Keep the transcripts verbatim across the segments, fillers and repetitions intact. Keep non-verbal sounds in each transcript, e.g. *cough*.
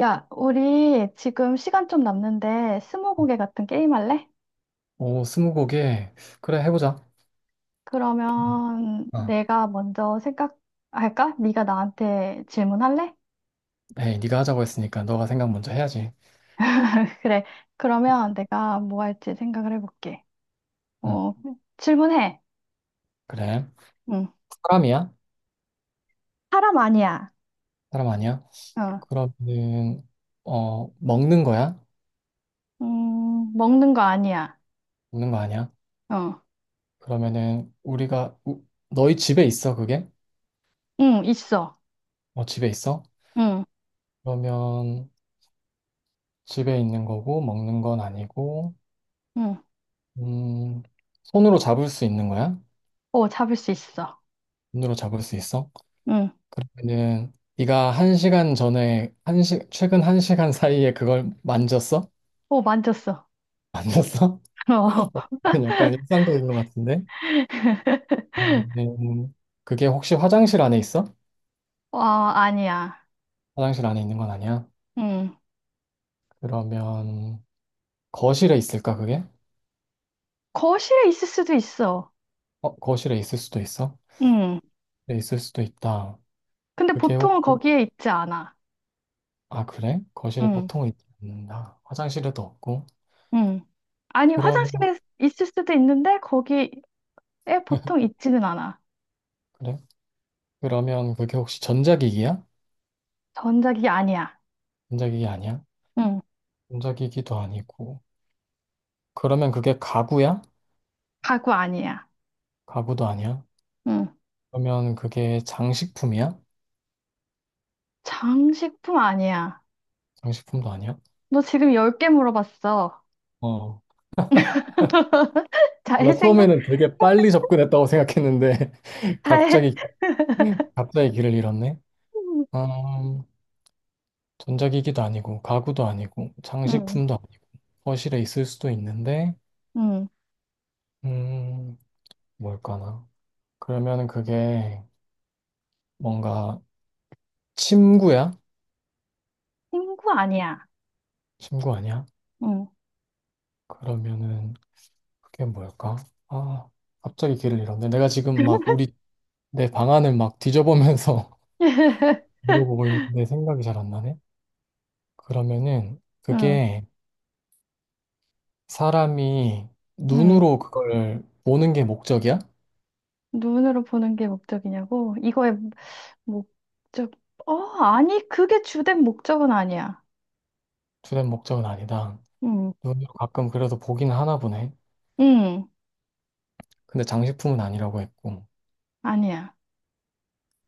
야, 우리 지금 시간 좀 남는데 스무고개 같은 게임 할래? 오, 스무고개. 그래, 해보자. 그러면 어. 내가 먼저 생각할까? 네가 나한테 질문할래? 에이, 네가 하자고 했으니까 너가 생각 먼저 해야지. *laughs* 그래. 그러면 내가 뭐 할지 생각을 해볼게. 응, 어, 질문해. 그래. 응. 사람이야? 사람 아니야. 사람 아니야? 어. 그러면은, 어, 먹는 거야? 음, 먹는 거 아니야. 먹는 거 아니야? 어. 그러면은, 우리가, 우- 너희 집에 있어, 그게? 응, 있어. 어, 집에 있어? 응, 그러면, 집에 있는 거고, 먹는 건 아니고, 응. 음, 손으로 잡을 수 있는 거야? 오, 잡을 수 있어. 손으로 잡을 수 있어? 응. 그러면은, 네가 한 시간 전에, 한 시, 최근 한 시간 사이에 그걸 만졌어? 오, 만졌어. 안 났어? *laughs* 그건 약간 *laughs* 일상적인 것 같은데? 그러면은 그게 혹시 화장실 안에 있어? 어, *laughs* 어, 아니야. 화장실 안에 있는 건 아니야. 응 그러면 거실에 있을까, 그게? 거실에 있을 수도 있어. 어, 거실에 있을 수도 있어? 응. 네, 있을 수도 있다. 근데 그게 보통은 혹시, 거기에 있지 않아. 아, 그래? 거실에 응, 보통은 있지 않는다. 화장실에도 없고. 응. 아니, 그러면, 화장실에 있을 수도 있는데 거기에 보통 *laughs* 있지는 않아. 그래? 그러면 그게 혹시 전자기기야? 전자기기 아니야. 전자기기 아니야? 응. 전자기기도 아니고. 그러면 그게 가구야? 가구 아니야. 가구도 아니야? 응. 그러면 그게 장식품이야? 장식품 아니야. 장식품도 아니야? 너 지금 열 개 물어봤어. 어. *laughs* 아, 나 잘 생각, 처음에는 되게 빨리 접근했다고 생각했는데 *laughs* 잘. 갑자기 *laughs* 갑자기 길을 잃었네. 음, 전자기기도 아니고 가구도 아니고 응, 장식품도 아니고 거실에 있을 수도 있는데 응. 음, 뭘까나? 그러면은 그게 뭔가 침구야? 친구 아니야. 침구 아니야? 응, 그러면은 그게 뭘까? 아, 갑자기 길을 잃었네. 내가 지금 막 우리 내 방안을 막 뒤져보면서 *laughs* *laughs* 물어보고 있는데 생각이 잘 안 나네. 그러면은 응, 그게 사람이 응. 눈으로 그걸 보는 게 목적이야? 눈으로 보는 게 목적이냐고? 이거의 목적, 어, 아니, 그게 주된 목적은 아니야. 주된 목적은 아니다. 응, 눈으로 가끔 그래도 보긴 하나 보네. 응, 근데 장식품은 아니라고 했고. 아니야.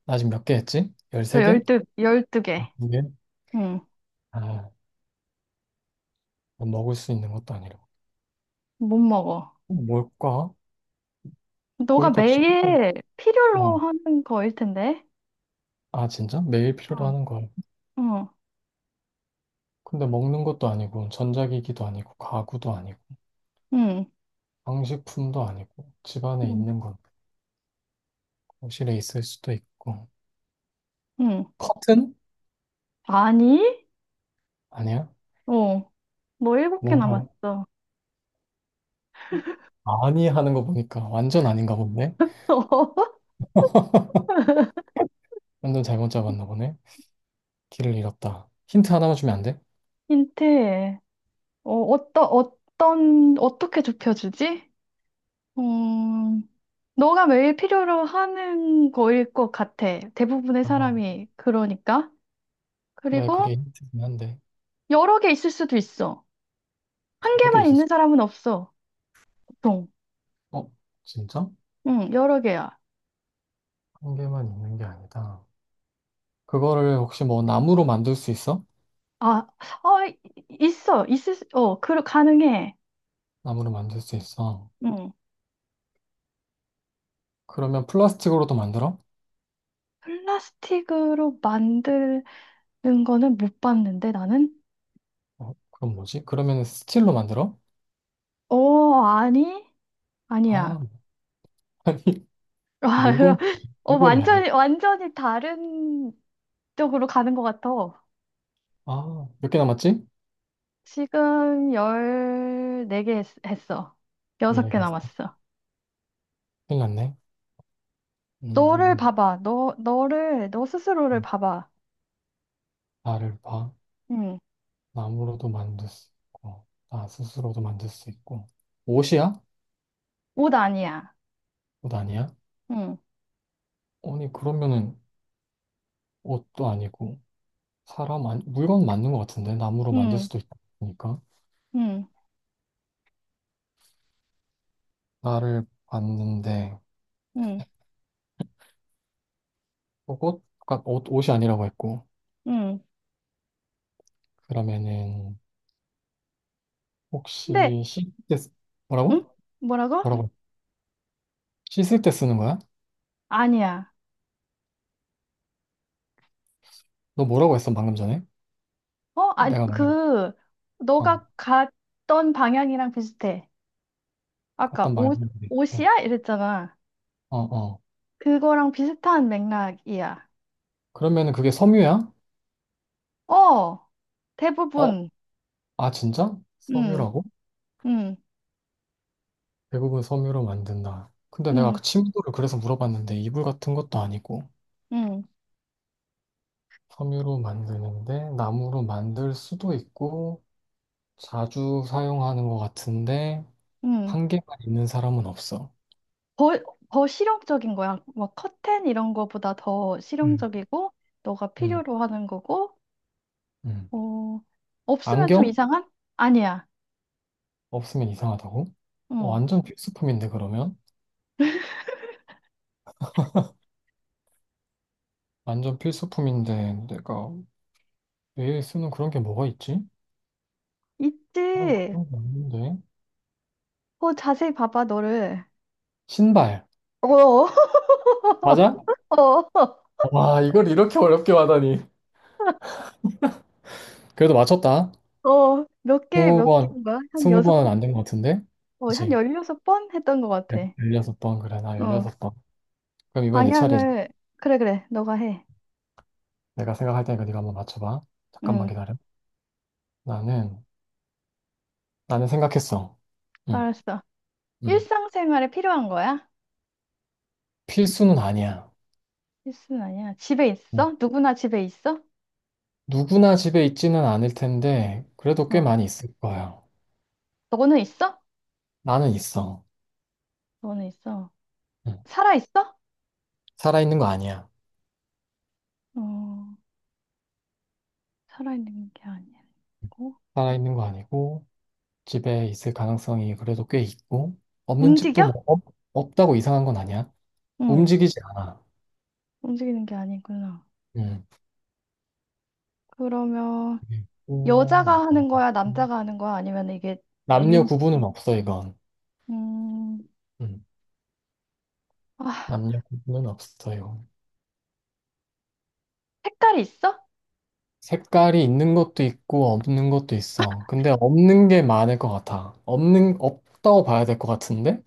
나 지금 몇 개 했지? 너 십삼 개? 열두, 열두 개. 두 개? 응, 아, 뭐 먹을 수 있는 것도 아니라. 못 먹어. 뭘까? 너가 거의 다 지나고. 매일 필요로 어. 하는 거일 텐데. 아, 진짜? 매일 필요로 어. 하는 거야. 응, 근데 먹는 것도 아니고, 전자기기도 아니고, 가구도 아니고, 응, 장식품도 아니고, 집 안에 응, 있는 건 거실에 있을 수도 있고. 응. 커튼? 아니? 아니야? 어, 너 일곱 개 뭔가 남았어. 아니 하는 거 보니까 완전 아닌가 보네. *laughs* 완전 잘못 잡았나 보네. 길을 잃었다. 힌트 하나만 주면 안 돼? 힌트. 어, 어떤, 어떤, 어떻게 좁혀주지? 음... 너가 매일 필요로 하는 거일 것 같아. 대부분의 아, 사람이 그러니까. 그래, 그리고 그게 힌트긴 한데. 여러 개 있을 수도 있어. 한 여러 개 개만 있을 수. 있는 사람은 없어. 보통. 어, 진짜? 응, 여러 개야. 한 개만 있는 게 아니다. 그거를 혹시 뭐 나무로 만들 수 있어? 아, 어, 이- 있어. 있을 수, 어, 그, 가능해. 나무로 만들 수 있어. 응. 그러면 플라스틱으로도 만들어? 플라스틱으로 만드는 거는 못 봤는데, 나는? 어, 그럼 뭐지? 그러면 스틸로 만들어? 어, 아니? 아니야. 아, *laughs* 아니, 물건, *laughs* 어, 물건이 아니. 완전히, 완전히 다른 쪽으로 가는 것 같아. 아, 몇 개 남았지? 지금 열 네 개 했, 어 일 여섯 4개 개 남았어. 큰일 났네. 음, 음, 너를 음. 봐봐. 너, 너를, 너 스스로를 음, 봐봐. 나를 봐. 응. 나무로도 만들 수 있고, 나 스스로도 만들 수 있고. 옷이야? 옷 아니야. 옷 아니야? 응. 아니, 그러면은 옷도 아니고, 사람, 아니, 물건 맞는 것 같은데? 나무로 만들 응. 수도 있으니까. 응. 나를 봤는데, 응. 옷? 아까 옷, 옷이 아니라고 했고, 응. 그러면은, 근데, 혹시 씻을 때, 쓰- 뭐라고? 응? 뭐라고? 뭐라고? 씻을 때 쓰는 거야? 아니야. 너 뭐라고 했어, 방금 전에? 어? 아니, 내가, 만약 그, 어, 너가 갔던 방향이랑 비슷해. 아까 갔단 옷, 말인데. 옷이야? 이랬잖아. 어, 어. 그거랑 비슷한 맥락이야. 그러면은 그게 섬유야? 어! 어, 대부분. 아, 진짜? 응. 섬유라고? 응. 대부분 섬유로 만든다. 근데 내가 응. 그 침도를 그래서 물어봤는데 이불 같은 것도 아니고 응. 섬유로 만드는데 나무로 만들 수도 있고 자주 사용하는 것 같은데 응. 한 개만 있는 사람은 없어. 더, 더 실용적인 거야. 막 커튼 이런 거보다 더 음. 실용적이고, 너가 음, 필요로 하는 거고, 음. 어, 없으면 좀 안경? 이상한? 아니야. 없으면 이상하다고? 어, 응. 완전 필수품인데 그러면? 완전 필수품인데 내가 매일 쓰는 그런 게 뭐가 있지? 아, 있지. 그런 게 없는데. 어, 자세히 봐봐, 너를. 신발. 어, 맞아? *laughs* 어, 와, 이걸 이렇게 어렵게 하다니. 그래도 맞췄다. 어, 몇 개, 스무 몇 번, 개인 가한 스무 여섯, 번은 안 된 것 같은데? 어, 한 그치? 열여섯 번 했던 것 열- 같아. 십육 번, 그래, 나 어, 십육 번. 그럼 이번내 차례지. 방향을, 그래, 그래, 너가 해. 내가 생각할 테니까 네가 한번 맞춰봐. 잠깐만 응, 기다려. 나는, 나는 생각했어. 응, 알았어. 응. 일상생활에 필요한 거야? 필수는 아니야. 필수는 아니야. 집에 응. 있어? 누구나 집에 있어? 누구나 집에 있지는 않을 텐데, 그래도 꽤 어. 많이 있을 거야. 너는 있어? 나는 있어. 너는 있어. 응. 살아 있어? 살아있는 거 아니야. 어, 살아 있는 게 응. 아니고 살아있는 거 아니고, 집에 있을 가능성이 그래도 꽤 있고, 없는 집도 움직여? 뭐, 없, 없다고 이상한 건 아니야. 응, 움직이지 않아. 움직이는 게 아니구나. 응. 그러면 있고, 여자가 하는 거야, 남자가 하는 거야, 아니면 이게 남녀 유니セ? 구분은 없어, 이건. 음, 음, 아, 남녀 구분은 없어요. 색깔이 있어? 색깔이 있는 것도 있고, 없는 것도 있어. 근데 없는 게 많을 것 같아. 없는, 없다고 봐야 될 것 같은데?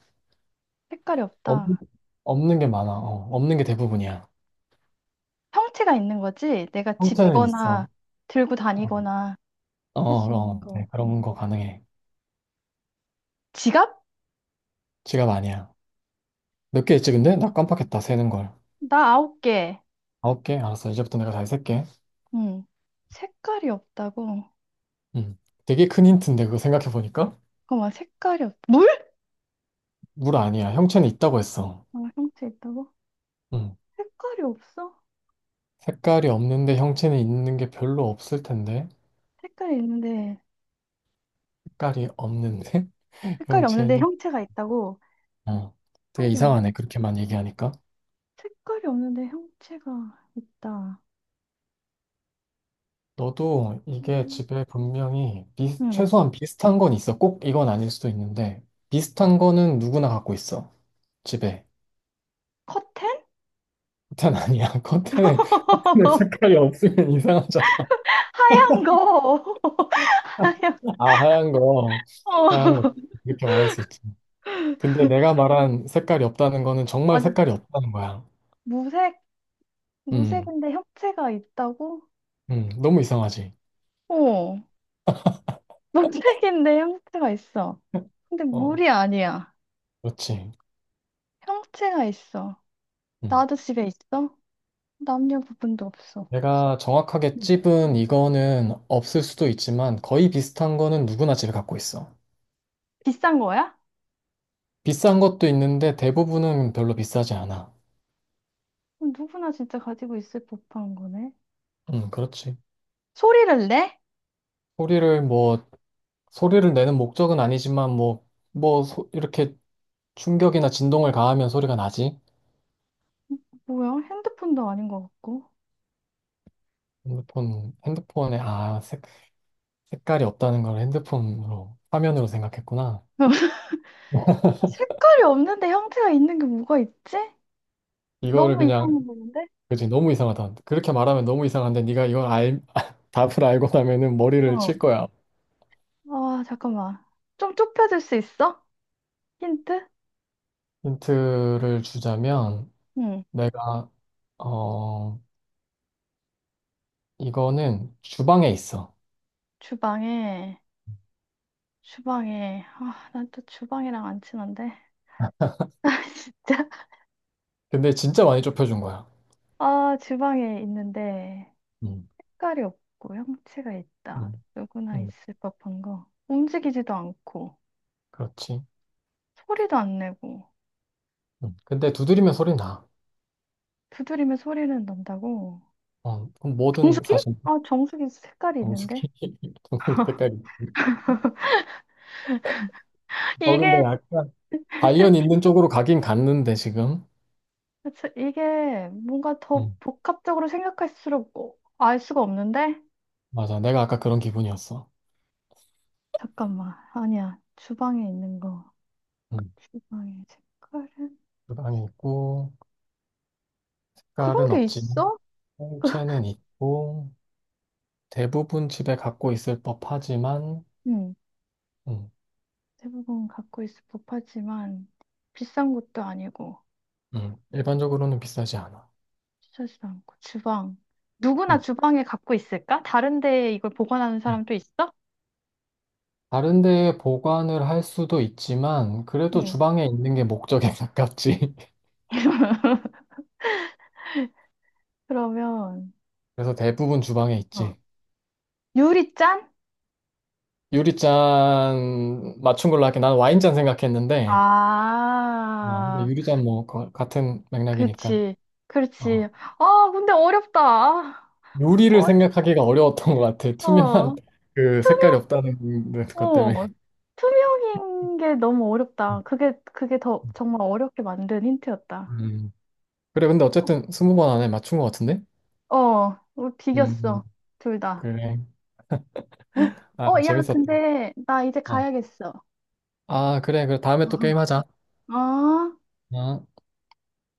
색깔이 없, 없다. 없는 게 많아. 어, 없는 게 대부분이야. 형체가 있는 거지? 내가 형태는 집거나 있어. 들고 어, 다니거나 어, 할 수 있는 어, 거. 네, 그런 거 가능해. 지갑? 지갑 아니야. 몇 개 있지, 지갑 근데? 아니- 나 깜빡했다, 세는 걸. 나 아홉 개. 아홉 개? 알았어. 이제부터 내가 잘 셀게. 응. 색깔이 없다고. 음. 되게 큰 힌트인데, 그거 생각해보니까? 잠깐만, 색깔이 없. 물? 물 아니야. 형체는 있다고 했어. 아, 형체 있다고? 음. 색깔이 없어? 색깔이 없는데 형체는 있는 게 별로 없을 텐데. 색깔이 있는데, 색깔이 없는데 *laughs* 색깔이 없는데 형체는 형체가 있다고? 어. 되게 색깔이 없, 이상하네. 그렇게만 얘기하니까. 색깔이 없는데 형체가 있다. 너도 이게 음, 집에 분명히 비- 음. 최소한 비슷한 건 있어. 꼭 이건 아닐 수도 있는데 비슷한 거는 누구나 갖고 있어. 집에. 커튼? 커튼 아니야. *laughs* 커튼에 커튼에 *laughs* 색깔이 없으면 이상하잖아. 하얀 거. *laughs* 하얀 아, 하얀 거. 거. 하얀 거. 어. 이렇게 말할 수 있지. 근데 내가 말한 색깔이 없다는 거는 정말 완전 색깔이 없다는 거야. 무색, 음. 무색인데 형체가 있다고? 음. 너무 이상하지. 어, 무색인데 형체가 있어. 근데 어, 물이 아니야. 그렇지. 형체가 있어. 음. 나도 집에 있어? 남녀 구분도 없어. 내가 정확하게 음. 찝은 이거는 없을 수도 있지만 거의 비슷한 거는 누구나 집에 갖고 있어. 비싼 거야? 비싼 것도 있는데 대부분은 별로 비싸지 않아. 어, 누구나 진짜 가지고 있을 법한 거네. 음, 그렇지. 소리를 내? 소리를 뭐, 소리를 내는 목적은 아니지만 뭐, 뭐, 이렇게 충격이나 진동을 가하면 소리가 나지. 뭐야? 핸드폰도 아닌 것 같고. 핸드폰, 핸드폰에, 아, 색, 색깔이 없다는 걸 핸드폰으로, 화면으로 생각했구나. *laughs* 색깔이 없는데 형태가 있는 게 뭐가 있지? 이거를 너무 그냥 이상한 건데? 그지 너무 이상하다. 그렇게 말하면 너무 이상한데 네가 이걸 알 *laughs* 답을 알고 나면은 머리를 어. 칠 거야. 아, 잠깐만. 좀 좁혀질 수 있어? 힌트? 힌트를 주자면 응. 내가 어 이거는 주방에 있어. 주방에, 주방에. 아, 난 또 주방이랑 안 친한데. *laughs* 진짜? 근데 진짜 많이 좁혀준 거야. 아, 주방에 있는데 음, 색깔이 없고 형체가 있다. 음, 누구나 음, 있을 법한 거. 움직이지도 않고, 그렇지. 소리도 안 내고. 음. 근데 두드리면 소리 나. 두드리면 소리는 난다고? 어, 그럼 뭐든 정수리? 사실 아, 정수기 색깔이 있는데? 정수기 *laughs* 정수기 때까지. 어 근데 이게, 약간 관련 있는 쪽으로 가긴 갔는데 지금. 그치, 이게 뭔가 더 음, 복합적으로 생각할수록 어, 알 수가 없는데? 맞아. 내가 아까 그런 기분이었어. 잠깐만. 아니야. 주방에 있는 거. 음, 주방의 색깔은? 주방에 있고. 그런 깔은 게 없지만 있어? 통째는 있고 대부분 집에 갖고 있을 법하지만 응. 음, 대부분 갖고 있을 법하지만 비싼 것도 아니고 음, 일반적으로는 비싸지 않아. 비싸지도 않고 주방. 누구나 음, 주방에 갖고 있을까? 다른 데에 이걸 보관하는 음. 사람도 있어? 다른 데에 보관을 할 수도 있지만 그래도 응. 주방에 있는 게 목적에 *laughs* 가깝지. 그러면 그래서 대부분 주방에 어. 있지. 유리잔? 유리잔 맞춘 걸로 할게. 난 와인잔 생각했는데 어, 근데 아, 유리잔 뭐 거- 같은 맥락이니까. 그치, 어. 그렇지. 아, 근데 어렵다. 아, 요리를 생각하기가 어려웠던 것 같아. 투명한 어렵다. 그 색깔이 투명, 없다는 것 때문에. 어, 투명인 게 너무 음, 어렵다. 그게, 그게 더 음. 정말 어렵게 만든 힌트였다. 음. 그래, 근데 어쨌든 스무 번 안에 맞춘 것 같은데? 어, 우리 음, 비겼어. 둘 다. 그래. 아, 어, 야, 재밌었다. 근데 나 이제 어. 가야겠어. 아, 그래, 그래. 다음에 응, 또 응. 게임하자. 어? 어.